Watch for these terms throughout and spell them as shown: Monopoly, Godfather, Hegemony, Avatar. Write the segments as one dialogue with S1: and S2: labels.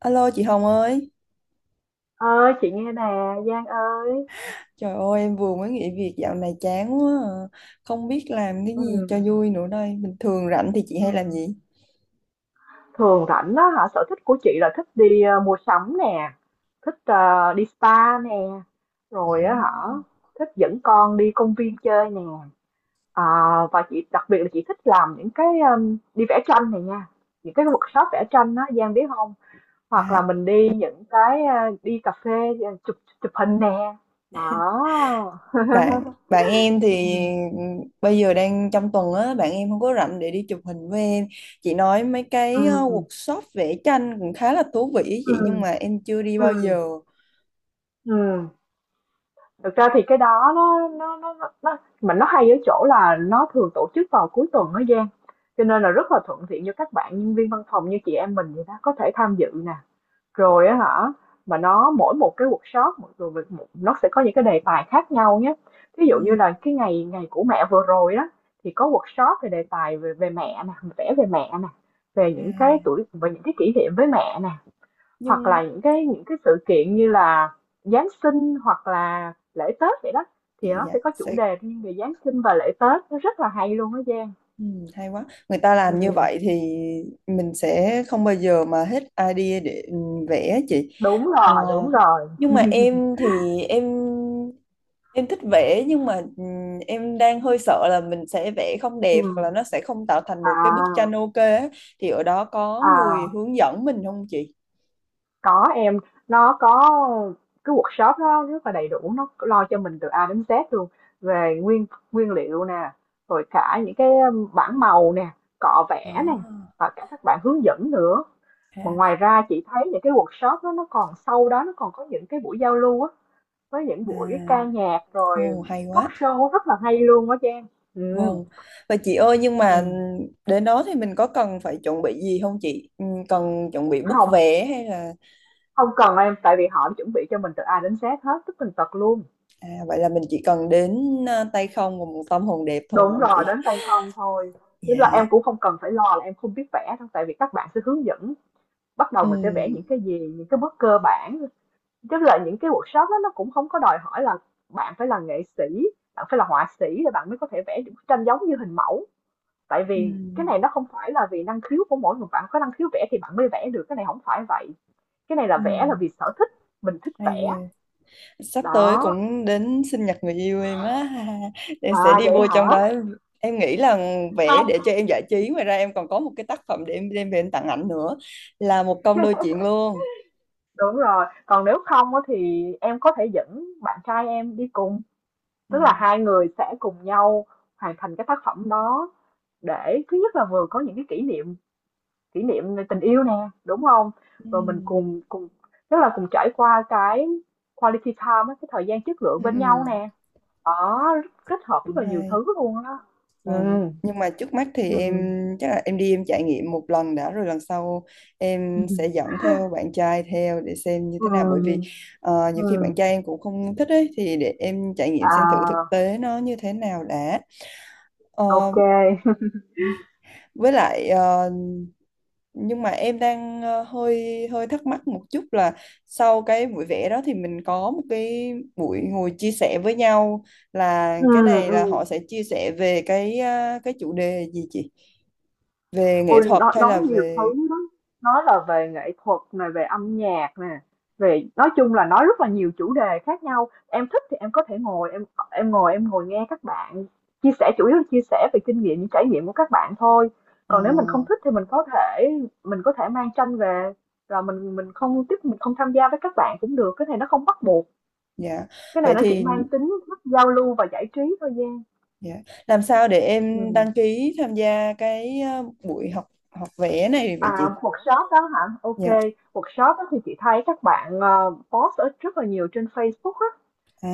S1: Alo chị Hồng ơi,
S2: Ơi, chị nghe nè. Giang ơi.
S1: trời ơi em vừa mới nghỉ việc dạo này chán quá à. Không biết làm cái
S2: Ừ.
S1: gì cho vui nữa đây. Bình thường rảnh thì chị
S2: Ừ.
S1: hay làm gì?
S2: Thường rảnh đó hả, sở thích của chị là thích đi mua sắm nè, thích đi spa nè,
S1: Ờ,
S2: rồi á hả, thích dẫn con đi công viên chơi nè. À, và chị đặc biệt là chị thích làm những cái đi vẽ tranh này nha. Những cái workshop vẽ tranh đó Giang biết không? Hoặc
S1: À,
S2: là mình đi những cái đi cà phê, chụp chụp hình nè. Đó.
S1: bạn bạn em
S2: Ừ.
S1: thì ừ, bây giờ đang trong tuần á, bạn em không có rảnh để đi chụp hình với em. Chị nói mấy
S2: Ừ.
S1: cái workshop vẽ tranh cũng khá là thú vị ý chị nhưng
S2: Ừ.
S1: mà em chưa đi
S2: Ừ.
S1: bao giờ.
S2: Ừ. Thực ra thì cái đó mà nó hay ở chỗ là nó thường tổ chức vào cuối tuần đó Giang, cho nên là rất là thuận tiện cho các bạn nhân viên văn phòng như chị em mình vậy đó, có thể tham dự nè, rồi á hả. Mà nó mỗi một cái workshop, nó sẽ có những cái đề tài khác nhau nhé. Ví
S1: ừ,
S2: dụ như là cái ngày ngày của mẹ vừa rồi đó, thì có workshop về đề tài về về mẹ nè, vẽ về mẹ nè, về
S1: à,
S2: những cái tuổi, về những cái kỷ niệm với mẹ nè. Hoặc
S1: Nhưng
S2: là những cái sự kiện như là Giáng sinh hoặc là lễ Tết vậy đó,
S1: dạ
S2: thì nó
S1: dạ
S2: sẽ có chủ
S1: sẽ
S2: đề riêng về Giáng sinh và lễ Tết, nó rất là hay luôn á Giang.
S1: Ừ, hay quá. Người ta làm như
S2: Ừm.
S1: vậy thì mình sẽ không bao giờ mà hết idea để vẽ chị.
S2: Đúng
S1: Ờ,
S2: rồi, đúng rồi.
S1: nhưng mà em thì em thích vẽ nhưng mà em đang hơi sợ là mình sẽ vẽ không đẹp hoặc là
S2: Ừm.
S1: nó sẽ không tạo thành
S2: À.
S1: một cái bức tranh ok á. Thì ở đó có người
S2: À.
S1: hướng dẫn mình không chị?
S2: Có em, nó có cái workshop nó rất là đầy đủ, nó lo cho mình từ A đến Z luôn, về nguyên nguyên liệu nè, rồi cả những cái bảng màu nè, cọ vẽ nè,
S1: À,
S2: và cả các bạn hướng dẫn nữa. Mà
S1: ha,
S2: ngoài ra chị thấy những cái workshop đó nó còn, sau đó nó còn có những cái buổi giao lưu á, với những
S1: à,
S2: buổi ca nhạc rồi
S1: Ồ, hay
S2: talk
S1: quá.
S2: show rất là hay luôn á Trang. Ừ.
S1: Vâng. Và chị ơi nhưng mà
S2: Ừ.
S1: đến đó thì mình có cần phải chuẩn bị gì không chị? Ừ, cần chuẩn bị bút
S2: Không,
S1: vé hay là
S2: không cần em, tại vì họ chuẩn bị cho mình từ A đến Z hết, tức tần tật luôn.
S1: à, vậy là mình chỉ cần đến à, tay không và một tâm hồn đẹp thôi phải
S2: Đúng
S1: không
S2: rồi,
S1: chị?
S2: đến tay không thôi. Tức là
S1: Dạ.
S2: em cũng không cần phải lo là em không biết vẽ đâu, tại vì các bạn sẽ hướng dẫn bắt đầu
S1: Ừ.
S2: mình sẽ vẽ những cái gì, những cái bước cơ bản. Tức là những cái workshop đó nó cũng không có đòi hỏi là bạn phải là nghệ sĩ, bạn phải là họa sĩ để bạn mới có thể vẽ những bức tranh giống như hình mẫu. Tại
S1: Ừ.
S2: vì cái này nó không phải là vì năng khiếu của mỗi người, bạn có năng khiếu vẽ thì bạn mới vẽ được, cái này không phải vậy, cái này là
S1: Ừ.
S2: vẽ là vì sở thích, mình thích
S1: Hay
S2: vẽ.
S1: ghê. Sắp tới
S2: Đó.
S1: cũng đến sinh nhật người yêu em á. Em sẽ
S2: À,
S1: đi
S2: vậy
S1: vô trong
S2: hả?
S1: đó. Em nghĩ là vẽ
S2: Không,
S1: để cho em giải trí, ngoài ra em còn có một cái tác phẩm để em đem về em tặng ảnh nữa, là một công đôi chuyện luôn.
S2: đúng rồi, còn nếu không á thì em có thể dẫn bạn trai em đi cùng,
S1: Ừ.
S2: tức là hai người sẽ cùng nhau hoàn thành cái tác phẩm đó, để thứ nhất là vừa có những cái kỷ niệm, kỷ niệm về tình yêu nè, đúng không.
S1: Ừ.
S2: Rồi mình cùng cùng tức là cùng trải qua cái quality time á, cái thời gian chất lượng
S1: Ừ.
S2: bên
S1: Ừ.
S2: nhau nè. Có, kết hợp rất
S1: Cũng
S2: là nhiều
S1: hay.
S2: thứ luôn á. Ừ.
S1: Vâng, nhưng mà trước mắt thì em
S2: Ừ.
S1: chắc là em đi em trải nghiệm một lần đã, rồi lần sau em
S2: Ừ.
S1: sẽ dẫn theo bạn trai theo để xem như
S2: Ừ.
S1: thế nào, bởi vì nhiều khi bạn
S2: Ừ.
S1: trai em cũng không thích ấy, thì để em trải nghiệm xem thử thực
S2: À,
S1: tế nó như thế nào đã. Ờ,
S2: ok.
S1: với lại nhưng mà em đang ờ, hơi hơi thắc mắc một chút là sau cái buổi vẽ đó thì mình có một cái buổi ngồi chia sẻ với nhau, là
S2: Ừ.
S1: cái này
S2: Ừ.
S1: là họ sẽ chia sẻ về cái cái chủ đề gì chị, về nghệ
S2: Ôi,
S1: thuật
S2: nó
S1: hay
S2: nói
S1: là
S2: nhiều
S1: về
S2: thứ lắm, nói là về nghệ thuật này, về âm nhạc nè, về, nói chung là nói rất là nhiều chủ đề khác nhau. Em thích thì em có thể ngồi em, em ngồi nghe các bạn chia sẻ, chủ yếu là chia sẻ về kinh nghiệm, những trải nghiệm của các bạn thôi.
S1: ờ,
S2: Còn nếu mình không thích thì mình có thể mang tranh về, rồi mình không tiếp, mình không tham gia với các bạn cũng được. Cái này nó không bắt buộc,
S1: dạ,
S2: cái
S1: vậy
S2: này nó chỉ
S1: thì
S2: mang tính giao lưu và giải trí thôi Giang.
S1: dạ. Làm sao để em
S2: Ừ.
S1: đăng ký tham gia cái ờ, buổi học học vẽ này vậy chị?
S2: À, workshop đó hả? Ok,
S1: Dạ
S2: workshop đó thì chị thấy các bạn post ở rất là nhiều trên Facebook á,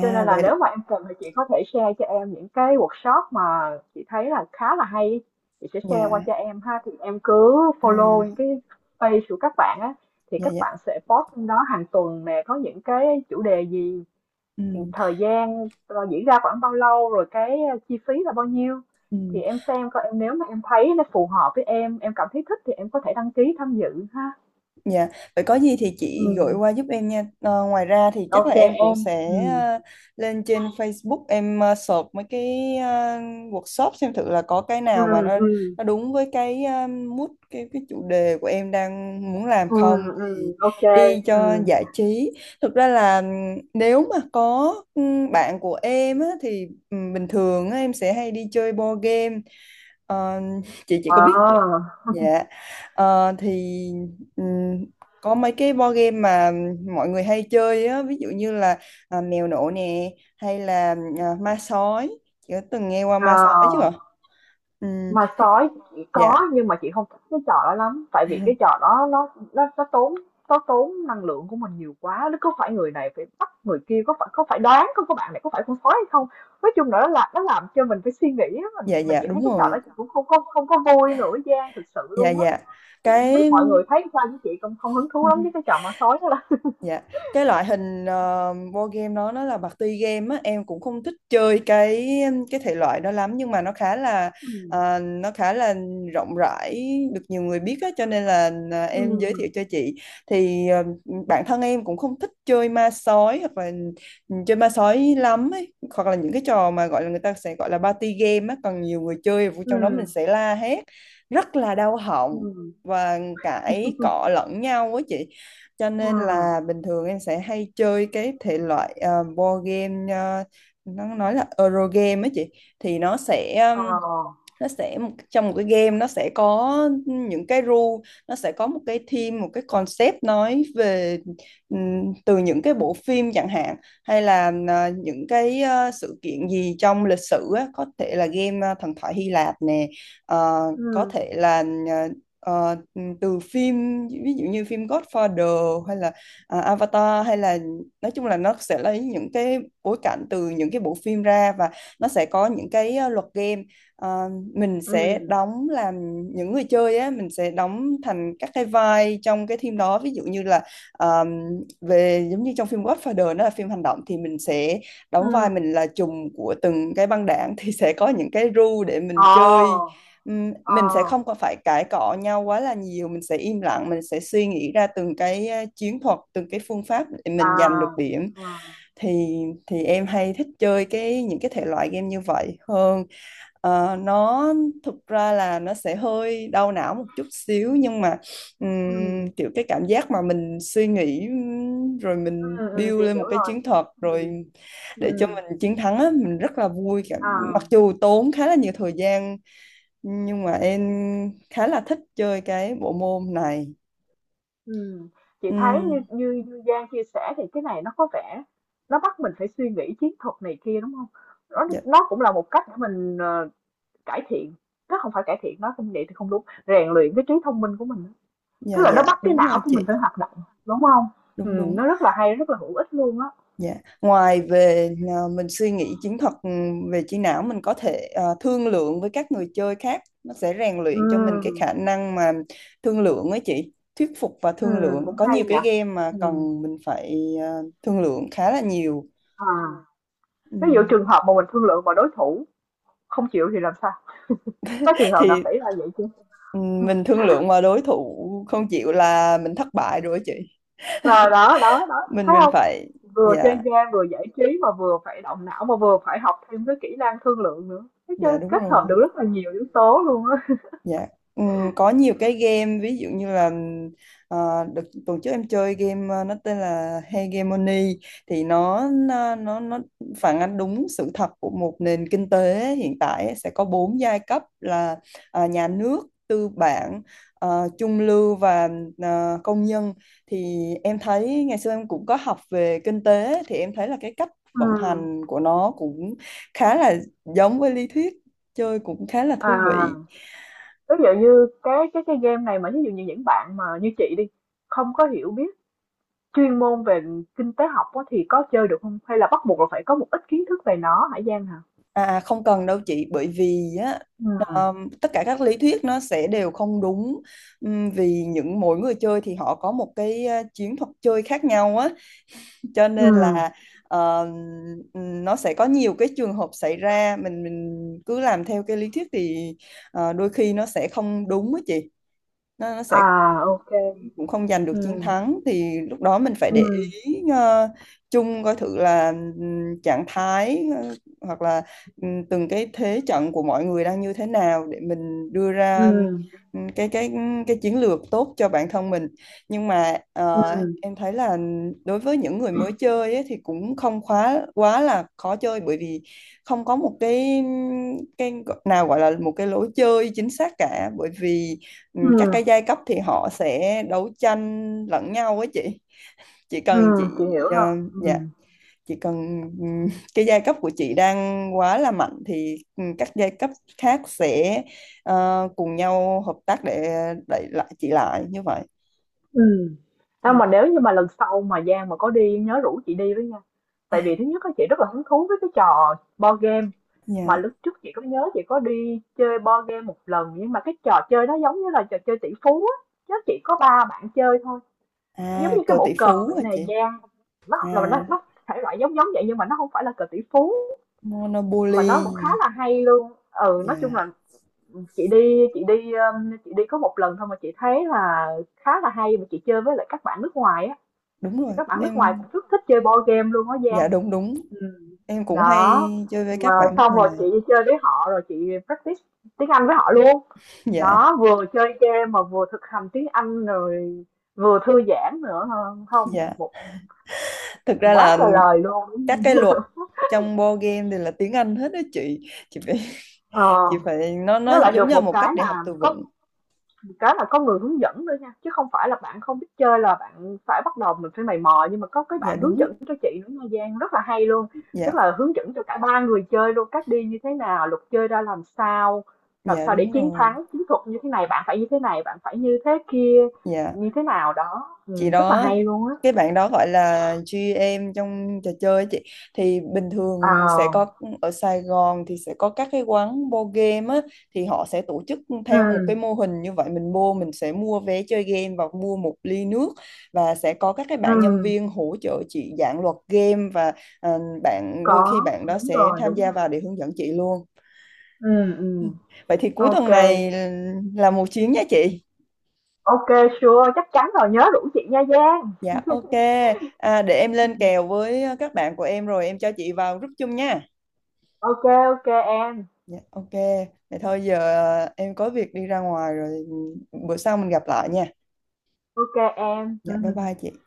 S2: cho nên là nếu
S1: vậy
S2: mà em cần thì chị có thể share cho em những cái workshop mà chị thấy là khá là hay á. Chị sẽ share qua
S1: dạ
S2: cho em ha, thì em cứ follow những
S1: à
S2: cái page của các bạn á, thì
S1: dạ
S2: các
S1: dạ
S2: bạn sẽ post trong đó hàng tuần nè, có những cái chủ đề gì,
S1: ừ.
S2: thì thời gian diễn ra khoảng bao lâu, rồi cái chi phí là bao nhiêu,
S1: Ừ.
S2: thì em xem coi em, nếu mà em thấy nó phù hợp với em cảm thấy thích thì em có thể đăng ký tham dự ha.
S1: Dạ, vậy có gì thì chị gửi
S2: Ừ.
S1: qua giúp em nha. Ờ, Ngoài ra thì chắc là
S2: Ok
S1: em cũng
S2: em.
S1: sẽ
S2: Ừ.
S1: lên trên Facebook em search mấy cái workshop xem thử là có cái
S2: Ừ.
S1: nào mà nó
S2: Ừ.
S1: nó đúng với cái mood cái chủ đề của em đang muốn làm
S2: Ừ.
S1: không,
S2: Ừ.
S1: thì
S2: Ok.
S1: đi
S2: Ừ.
S1: cho giải trí. Thực ra là nếu mà có bạn của em á, thì bình thường á, em sẽ hay đi chơi board game. Ờ, chị có biết
S2: Ờ.
S1: dạ, ờ, thì ừm, có mấy cái board game mà mọi người hay chơi á, ví dụ như là à, mèo nổ nè, hay là à, ma sói, chị có từng nghe qua
S2: Ờ.
S1: ma sói chưa ạ? Ừm,
S2: mà sói chỉ
S1: dạ,
S2: có, nhưng mà chị không thích cái trò đó lắm, tại vì cái trò đó nó tốn, nó tốn năng lượng của mình nhiều quá, nó cứ phải người này phải bắt người kia, có phải đoán có bạn này có phải con sói hay không. Nói chung là nó làm cho mình phải suy nghĩ á, mình
S1: dạ
S2: mà
S1: dạ
S2: chị thấy
S1: đúng
S2: cái trò đó
S1: rồi,
S2: chị cũng không không không có vui nữa Giang, thực sự
S1: dạ
S2: luôn á.
S1: dạ
S2: Chị không biết
S1: cái
S2: mọi người thấy sao, với chị không, không hứng thú lắm với cái trò ma sói đó lắm.
S1: Dạ, cái loại hình board game đó nó là party game á, em cũng không thích chơi cái thể loại đó lắm, nhưng mà nó khá là
S2: Ừ.
S1: nó khá là rộng rãi, được nhiều người biết á, cho nên là
S2: Ừ.
S1: em giới thiệu cho chị. Thì bản thân em cũng không thích chơi ma sói hoặc là chơi ma sói lắm ấy, hoặc là những cái trò mà gọi là người ta sẽ gọi là party game á, còn nhiều người chơi vô
S2: Ừ.
S1: trong đó mình sẽ la hét rất là đau họng
S2: Ừ.
S1: và cãi cọ lẫn nhau á chị, cho nên
S2: Ừ.
S1: là bình thường em sẽ hay chơi cái thể loại board game nó nói là Euro game ấy chị, thì
S2: Ờ.
S1: nó sẽ trong một cái game nó sẽ có những cái rule, nó sẽ có một cái theme, một cái concept nói về từ những cái bộ phim chẳng hạn, hay là à, những cái à, sự kiện gì trong lịch sử á, có thể là game à, thần thoại Hy Lạp nè, ờ, có
S2: Ừ.
S1: thể là ờ, từ phim, ví dụ như phim Godfather hay là à, Avatar hay là nói chung là nó sẽ lấy những cái bối cảnh từ những cái bộ phim ra, và nó sẽ có những cái à, luật game. Ờ, mình sẽ
S2: Ừ.
S1: đóng làm những người chơi á, mình sẽ đóng thành các cái vai trong cái phim đó, ví dụ như là ờm, về giống như trong phim Godfather nó là phim hành động thì mình sẽ
S2: Ừ.
S1: đóng vai mình là trùm của từng cái băng đảng, thì sẽ có những cái rule để mình chơi.
S2: Ồ. Ờ.
S1: Mình sẽ không có phải cãi cọ nhau quá là nhiều, mình sẽ im lặng, mình sẽ suy nghĩ ra từng cái chiến thuật, từng cái phương pháp để
S2: À.
S1: mình giành được điểm,
S2: Ờ.
S1: thì thì em hay thích chơi cái những cái thể loại game như vậy hơn. Ờ, nó thực ra là nó sẽ hơi đau não một chút xíu,
S2: Ừm.
S1: nhưng mà
S2: Ừm.
S1: kiểu cái cảm giác mà mình suy nghĩ rồi
S2: Ừm.
S1: mình
S2: Ừm,
S1: build
S2: chị
S1: lên một
S2: hiểu
S1: cái
S2: rồi.
S1: chiến thuật rồi
S2: Ừm.
S1: để cho
S2: Ừm.
S1: mình chiến thắng á, mình rất là vui cảm,
S2: À.
S1: mặc dù tốn khá là nhiều thời gian, nhưng mà em khá là thích chơi cái bộ môn này.
S2: Ừm. Chị thấy như
S1: Ừm,
S2: như như Giang chia sẻ thì cái này nó có vẻ nó bắt mình phải suy nghĩ chiến thuật này kia đúng không? Nó
S1: dạ
S2: nó cũng là một cách để mình cải thiện, nó không phải cải thiện, nó không vậy thì không đúng, rèn luyện cái trí thông minh của mình á. Tức
S1: dạ
S2: là nó
S1: dạ,
S2: bắt cái
S1: đúng
S2: não
S1: rồi
S2: của mình
S1: chị,
S2: phải hoạt động, đúng không?
S1: đúng đúng.
S2: Nó rất là hay, rất là hữu ích luôn á.
S1: Dạ. Ngoài về à, mình suy nghĩ chiến thuật về trí não, mình có thể à, thương lượng với các người chơi khác, nó sẽ rèn luyện cho mình cái
S2: Ừm.
S1: khả năng mà thương lượng ấy chị, thuyết phục và thương
S2: Ừm,
S1: lượng,
S2: cũng
S1: có
S2: hay
S1: nhiều
S2: nhỉ.
S1: cái game mà
S2: Ừm.
S1: cần mình phải à, thương lượng khá là nhiều.
S2: À,
S1: Ừ.
S2: ví dụ trường hợp mà mình thương lượng mà đối thủ không chịu thì làm sao? Có trường hợp nào
S1: Thì
S2: xảy ra vậy chứ?
S1: ừ, mình thương lượng mà đối thủ không chịu là mình thất bại rồi ấy chị,
S2: Là đó, đó, đó,
S1: mình
S2: thấy
S1: mình
S2: không?
S1: phải
S2: Vừa chơi
S1: dạ
S2: game, vừa giải trí mà vừa phải động não mà vừa phải học thêm cái kỹ năng thương lượng nữa. Thấy
S1: dạ
S2: chưa?
S1: đúng
S2: Kết hợp
S1: rồi.
S2: được rất là nhiều yếu tố luôn á.
S1: Dạ. Có nhiều cái game ví dụ như là đợt tuần trước em chơi game nó tên là Hegemony, thì nó phản ánh đúng sự thật của một nền kinh tế hiện tại ấy. Sẽ có 4 giai cấp là nhà nước, tư bản, trung lưu và công nhân. Thì em thấy ngày xưa em cũng có học về kinh tế, thì em thấy là cái cách vận
S2: Ừm.
S1: hành của nó cũng khá là giống với lý thuyết, chơi cũng khá là
S2: À,
S1: thú vị.
S2: ví dụ như cái game này, mà ví dụ như những bạn mà như chị đi, không có hiểu biết chuyên môn về kinh tế học á, thì có chơi được không? Hay là bắt buộc là phải có một ít kiến thức về nó hả Giang hả?
S1: Không cần đâu chị, bởi vì á
S2: Ừm.
S1: tất cả các lý thuyết nó sẽ đều không đúng. Vì những mỗi người chơi thì họ có một cái chiến thuật chơi khác nhau á, cho nên
S2: Ừm.
S1: là um, nó sẽ có nhiều cái trường hợp xảy ra, mình cứ làm theo cái lý thuyết thì đôi khi nó sẽ không đúng á chị, nó sẽ
S2: À, ok.
S1: cũng không giành được chiến
S2: Ừm.
S1: thắng, thì lúc đó mình phải để
S2: Ừm.
S1: ý chung coi thử là trạng thái hoặc là từng cái thế trận của mọi người đang như thế nào để mình đưa ra
S2: Ừm.
S1: ừm, cái cái cái chiến lược tốt cho bản thân mình. Nhưng mà
S2: Ừm.
S1: em thấy là đối với những người mới chơi ấy, thì cũng không quá quá là khó chơi, bởi vì không có một cái cái nào gọi là một cái lối chơi chính xác cả, bởi vì ừ, các
S2: Ừm.
S1: cái giai cấp thì họ sẽ đấu tranh lẫn nhau á chị, chỉ cần
S2: Ừm, chị
S1: chị
S2: hiểu rồi.
S1: dạ,
S2: Ừm.
S1: chỉ cần cái giai cấp của chị đang quá là mạnh thì các giai cấp khác sẽ cùng nhau hợp tác để đẩy lại chị lại như vậy.
S2: Ừm. Đâu
S1: Ừ.
S2: mà nếu như mà lần sau mà Giang mà có đi nhớ rủ chị đi với nha. Tại vì thứ nhất á, chị rất là hứng thú với cái trò board game, mà
S1: Dạ,
S2: lúc trước chị có nhớ chị có đi chơi board game một lần, nhưng mà cái trò chơi nó giống như là trò chơi tỷ phú á, chứ chỉ có ba bạn chơi thôi. Giống
S1: à,
S2: như cái
S1: cờ tỷ
S2: bộ cờ
S1: phú
S2: vậy
S1: hả chị?
S2: này Giang, nó là
S1: À,
S2: nó thể loại giống giống vậy nhưng mà nó không phải là cờ tỷ phú, mà nó cũng khá
S1: Monopoly.
S2: là hay luôn. Ừ, nói chung
S1: Dạ,
S2: là chị đi có một lần thôi mà chị thấy là khá là hay, mà chị chơi với lại các bạn nước ngoài á.
S1: đúng
S2: Tại
S1: rồi
S2: các bạn nước ngoài
S1: em,
S2: cũng rất thích chơi board game luôn á
S1: dạ,
S2: Giang.
S1: đúng đúng.
S2: Ừ.
S1: Em cũng hay
S2: Đó.
S1: chơi với
S2: Mà
S1: các bạn nước
S2: xong rồi
S1: ngoài.
S2: chị đi chơi với họ rồi chị practice tiếng Anh với họ luôn.
S1: Dạ,
S2: Đó, vừa chơi game mà vừa thực hành tiếng Anh, rồi vừa thư giãn nữa ha. Không
S1: dạ,
S2: một
S1: thực ra
S2: Quá
S1: là
S2: trời lời luôn.
S1: các cái luật trong board game thì là tiếng Anh hết đó chị, chị phải
S2: Ờ,
S1: chị phải nó
S2: nó lại
S1: giống
S2: được
S1: như là
S2: một
S1: một cách
S2: cái
S1: để học
S2: là
S1: từ
S2: có,
S1: vựng.
S2: cái là có người hướng dẫn nữa nha, chứ không phải là bạn không biết chơi là bạn phải bắt đầu mình phải mày mò, nhưng mà có cái
S1: Dạ
S2: bạn hướng
S1: đúng ạ,
S2: dẫn cho chị nữa nha Giang, rất là hay luôn. Tức
S1: dạ,
S2: là hướng dẫn cho cả ba người chơi luôn, cách đi như thế nào, luật chơi ra làm
S1: dạ
S2: sao để
S1: đúng
S2: chiến
S1: rồi,
S2: thắng, chiến thuật như thế này, bạn phải như thế này, bạn phải như thế kia,
S1: dạ
S2: như thế nào đó.
S1: chị
S2: Ừ, rất là
S1: đó,
S2: hay luôn á.
S1: cái bạn đó gọi là GM trong trò chơi ấy chị, thì bình thường sẽ có
S2: À.
S1: ở Sài Gòn thì sẽ có các cái quán board game á, thì họ sẽ tổ chức
S2: Ừ,
S1: theo một cái mô hình như vậy, mình mua mình sẽ mua vé chơi game và mua một ly nước, và sẽ có các cái
S2: ừ,
S1: bạn nhân viên hỗ trợ chị giảng luật game, và bạn đôi khi
S2: có,
S1: bạn đó
S2: đúng
S1: sẽ
S2: rồi,
S1: tham
S2: đúng
S1: gia vào
S2: rồi.
S1: để hướng dẫn chị luôn.
S2: Ừ.
S1: Ừ.
S2: Ừ.
S1: Vậy thì cuối
S2: Ok.
S1: tuần này là một chuyến nha chị.
S2: Ok, sure, chắc chắn rồi, nhớ rủ chị nha Giang.
S1: Dạ ok. À, để em lên kèo với các bạn của em rồi em cho chị vào group chung nha.
S2: Ok. Ok em.
S1: Dạ ok. Vậy thôi giờ em có việc đi ra ngoài rồi, bữa sau mình gặp lại nha.
S2: Ok em.
S1: Dạ bye bye chị.